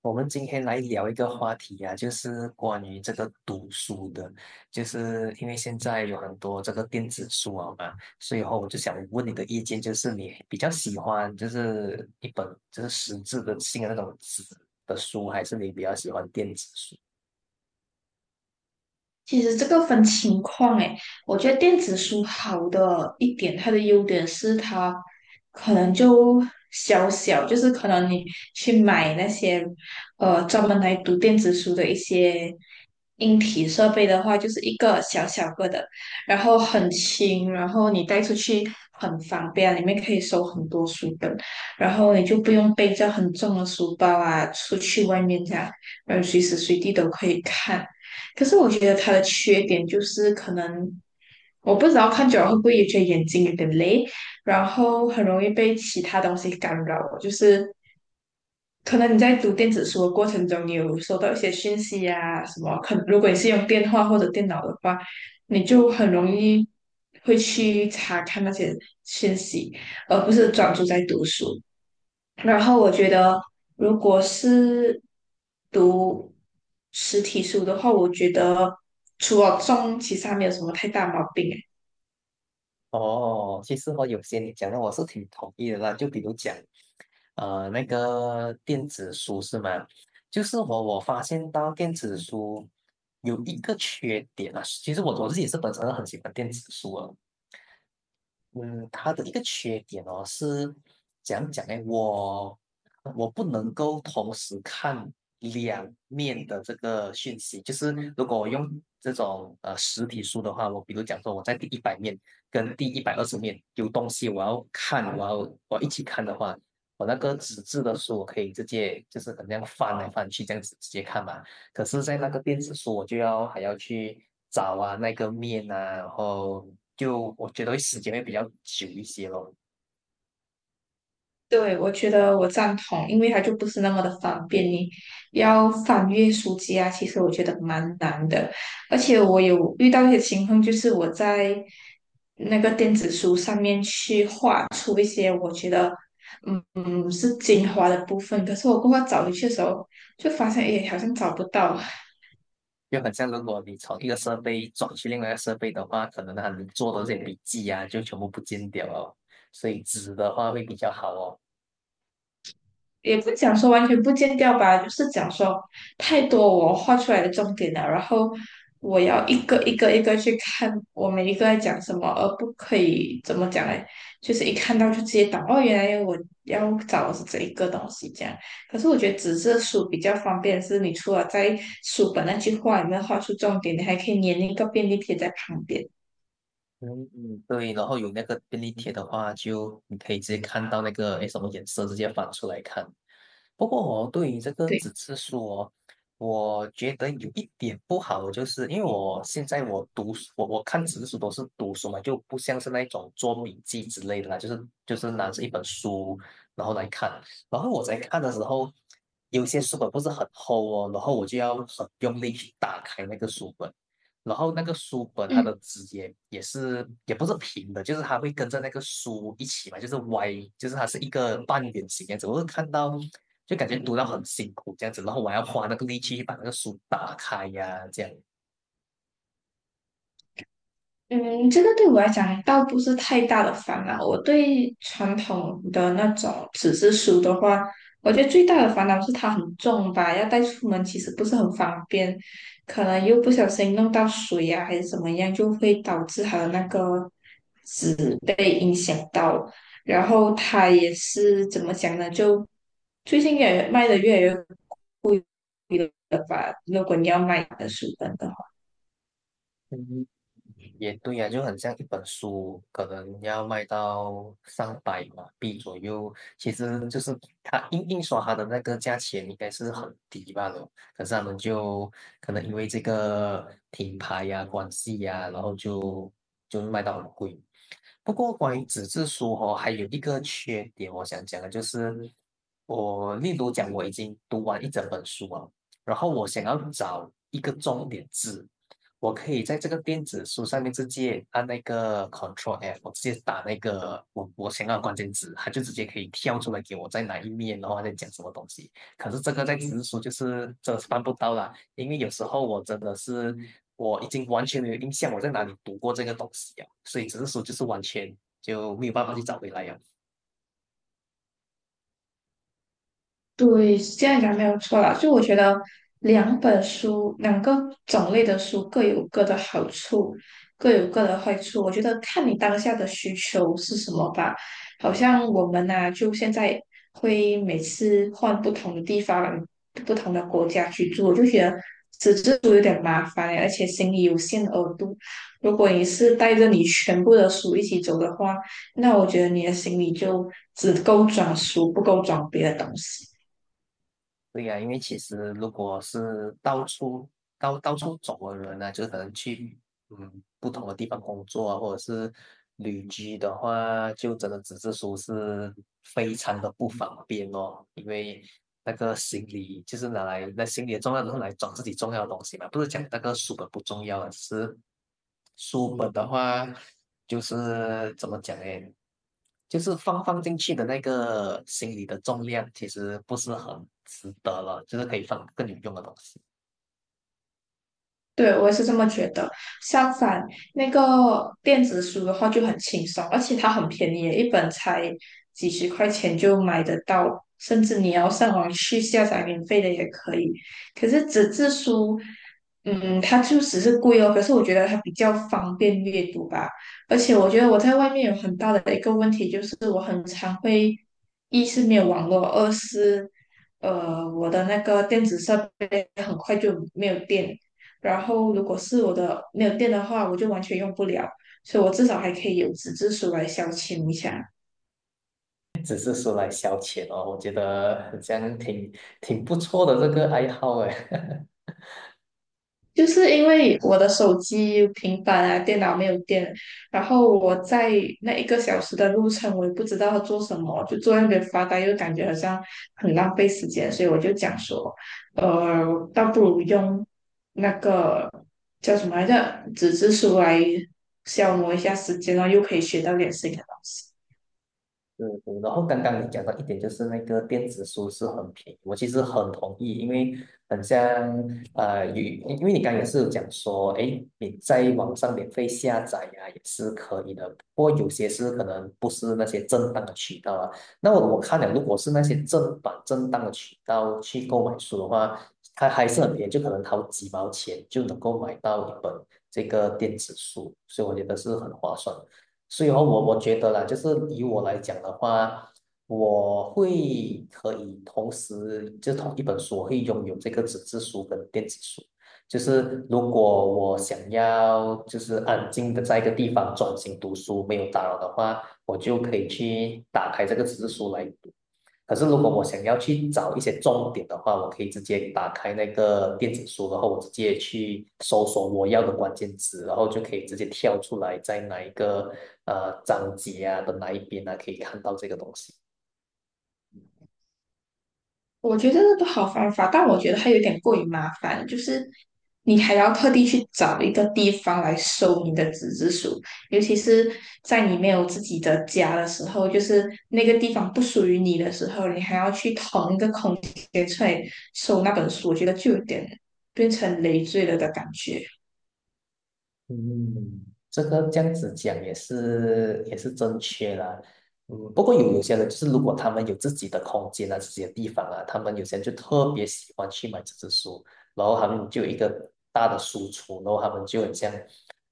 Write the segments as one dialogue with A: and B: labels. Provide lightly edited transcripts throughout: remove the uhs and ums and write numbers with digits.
A: 我们今天来聊一个话题啊，就是关于这个读书的，就是因为现在有很多这个电子书啊嘛，所以后我就想问你的意见，就是你比较喜欢就是一本就是实质的性的那种纸的书，还是你比较喜欢电子书？
B: 其实这个分情况诶，我觉得电子书好的一点，它的优点是它可能就小小，就是可能你去买那些专门来读电子书的一些硬体设备的话，就是一个小小个的，然后很轻，然后你带出去很方便，里面可以收很多书本，然后你就不用背着很重的书包啊，出去外面这样，嗯，随时随地都可以看。可是我觉得它的缺点就是可能我不知道看久了会不会也觉得眼睛有点累，然后很容易被其他东西干扰，就是可能你在读电子书的过程中，你有收到一些讯息啊什么，可如果你是用电话或者电脑的话，你就很容易会去查看那些讯息，而不是专注在读书。然后我觉得，如果是读实体书的话，我觉得除了重，其实还没有什么太大毛病啊。
A: 哦，其实我有些你讲的我是挺同意的啦，就比如讲那个电子书是吗？就是我发现到电子书有一个缺点啊，其实我自己是本身很喜欢电子书啊。嗯，它的一个缺点哦，是怎样讲呢？我我不能够同时看两面的这个讯息，就是如果我用这种实体书的话，我比如讲说我在第100面跟第120面有东西我要看，我要一起看的话，我那个纸质的书我可以直接就是可能这样翻来翻去这样子直接看嘛。可是，在那个电子书，我就要还要去找啊那个面啊，然后就我觉得时间会比较久一些咯。
B: 对，我觉得我赞同，因为它就不是那么的方便，你要翻阅书籍啊，其实我觉得蛮难的。而且我有遇到一些情况，就是我在那个电子书上面去画出一些我觉得是精华的部分，可是我过后找回去的时候，就发现诶好像找不到。
A: 就很像如果你从一个设备转去另外一个设备的话，可能他能做的这些笔记啊，就全部不见掉了。所以纸的话会比较好哦。
B: 也不讲说完全不见掉吧，就是讲说太多我画出来的重点了，然后我要一个一个去看我每一个在讲什么，而不可以怎么讲呢？就是一看到就直接懂哦，原来我要找的是这一个东西这样。可是我觉得纸质书比较方便，是你除了在书本那句话里面画出重点，你还可以粘一个便利贴在旁边。
A: 嗯嗯，对，然后有那个便利贴的话，就你可以直接看到那个诶什么颜色，直接翻出来看。不过我对于这个
B: 对，
A: 纸质书哦，我觉得有一点不好，就是因为我现在我读书，我看纸质书都是读书嘛，就不像是那种做笔记之类的啦，就是拿着一本书然后来看，然后我在看的时候，有些书本不是很厚哦，然后我就要很用力去打开那个书本。然后那个书本它
B: 嗯。
A: 的枝叶也是也不是平的，就是它会跟着那个书一起嘛，就是歪，就是它是一个半圆形这样子。我看到就感觉读到很辛苦这样子，然后我还要花那个力气去把那个书打开呀、啊这样。
B: 嗯，这个对我来讲倒不是太大的烦恼。我对传统的那种纸质书的话，我觉得最大的烦恼是它很重吧，要带出门其实不是很方便，可能又不小心弄到水啊，还是怎么样，就会导致它的那个被影响。然后它也是怎么讲呢？就最近也卖的越来越贵了吧？如果你要买的书本的话。
A: 也对呀、就很像一本书，可能要卖到上百马币左右。其实就是它印刷它的那个价钱应该是很低吧了，可是他们就可能因为这个品牌呀、关系呀，然后就是卖到很贵。不过关于纸质书哦，还有一个缺点，我想讲的就是，我例如讲我已经读完一整本书啊，然后我想要找一个重点字，我可以在这个电子书上面直接按那个 Control F，我直接打那个我想要的关键词，它就直接可以跳出来给我在哪一面，然后在讲什么东西。可是这个在纸质书就是真的是办不到啦，因为有时候我真的是我已经完全没有印象我在哪里读过这个东西啊，所以纸质书就是完全就没有办法去找回来呀。
B: 对，是这样讲没有错啦。就我觉得两本书，两个种类的书各有各的好处，各有各的坏处。我觉得看你当下的需求是什么吧。好像我们呐、就现在会每次换不同的地方、不同的国家去住，我就觉得纸质书有点麻烦欸，而且行李有限额度。如果你是带着你全部的书一起走的话，那我觉得你的行李就只够装书，不够装别的东西。
A: 对呀、啊因为其实如果是到处到处走的人呢、啊就可能去嗯，不同的地方工作啊，或者是旅居的话，就真的只是说是非常的不方便哦，因为那个行李就是拿来那行李的重要都是来装自己重要的东西嘛，不是讲那个书本不重要啊，只是书本的话就是怎么讲呢？就是放进去的那个行李的重量其实不是很值得了，就是可以放更有用的东西。
B: 对，我也是这么觉得。相反，那个电子书的话就很轻松，而且它很便宜，一本才几十块钱就买得到，甚至你要上网去下载免费的也可以。可是纸质书，嗯，它就只是贵哦。可是我觉得它比较方便阅读吧，而且我觉得我在外面有很大的一个问题就是，一是没有网络，二是我的那个电子设备很快就没有电，然后如果是我的没有电的话，我就完全用不了，所以我至少还可以有纸质书来消遣一下。
A: 只是说来消遣哦，我觉得这样挺不错的这个爱好哎。
B: 就是因为我的手机、平板啊、电脑没有电，然后我在那一个小时的路程，我也不知道要做什么，就坐在那边发呆，又感觉好像很浪费时间，所以我就讲说，呃，倒不如用那个叫什么来着，纸质书来消磨一下时间，然后又可以学到点新的东西。
A: 是，然后刚刚你讲到一点，就是那个电子书是很便宜，我其实很同意，因为很像有因为你刚刚也是有讲说，哎，你在网上免费下载呀、也是可以的，不过有些是可能不是那些正当的渠道啊。那我看了，如果是那些正版正当的渠道去购买书的话，它还是很便宜，就可能掏几毛钱就能够买到一本这个电子书，所以我觉得是很划算。所以哦，我觉得啦，就是以我来讲的话，我会可以同时就同一本书，我会拥有这个纸质书跟电子书。就是如果我想要就是安静的在一个地方专心读书，没有打扰的话，我就可以去打开这个纸质书来读。可是如果我想要去找一些重点的话，我可以直接打开那个电子书，然后我直接去搜索我要的关键词，然后就可以直接跳出来在哪一个章节啊的哪一边啊可以看到这个东西。
B: 我觉得那个好方法，但我觉得它有点过于麻烦，就是你还要特地去找一个地方来收你的纸质书，尤其是在你没有自己的家的时候，就是那个地方不属于你的时候，你还要去腾一个空间出来收那本书，我觉得就有点变成累赘了的感觉。
A: 嗯，这个这样子讲也是正确啦。嗯，不过有些人就是如果他们有自己的空间啊，自己的地方啊，他们有些人就特别喜欢去买纸质书，然后他们就有一个大的书橱，然后他们就很像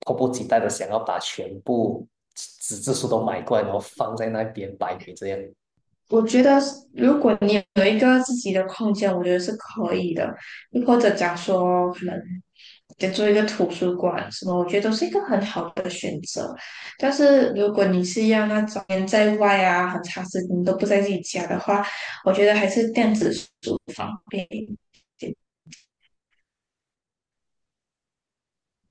A: 迫不及待的想要把全部纸质书都买过来，然后放在那边摆摆这样。
B: 我觉得是如果你有一个自己的空间，我觉得是可以的。又或者讲说，可能得做一个图书馆什么，我觉得都是一个很好的选择。但是如果你是要那种人在外啊，很长时间都不在自己家的话，我觉得还是电子书方便一点。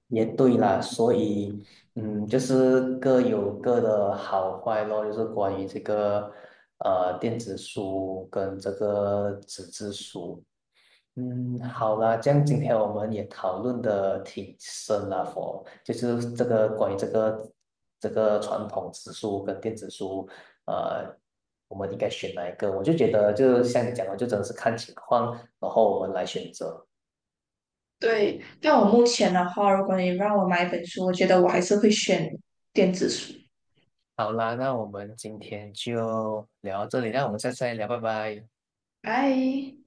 A: 也对啦，所以，嗯，就是各有各的好坏咯，就是关于这个电子书跟这个纸质书。嗯，好啦，这样今天我们也讨论的挺深了，佛，就是这个关于这个传统纸书跟电子书，呃，我们应该选哪一个？我就觉得，就像你讲的，就真的是看情况，然后我们来选择。
B: 对，但我目前的话，如果你让我买一本书，我觉得我还是会选电子书。
A: 好啦，那我们今天就聊到这里，那我们下次再聊，拜拜。
B: 拜。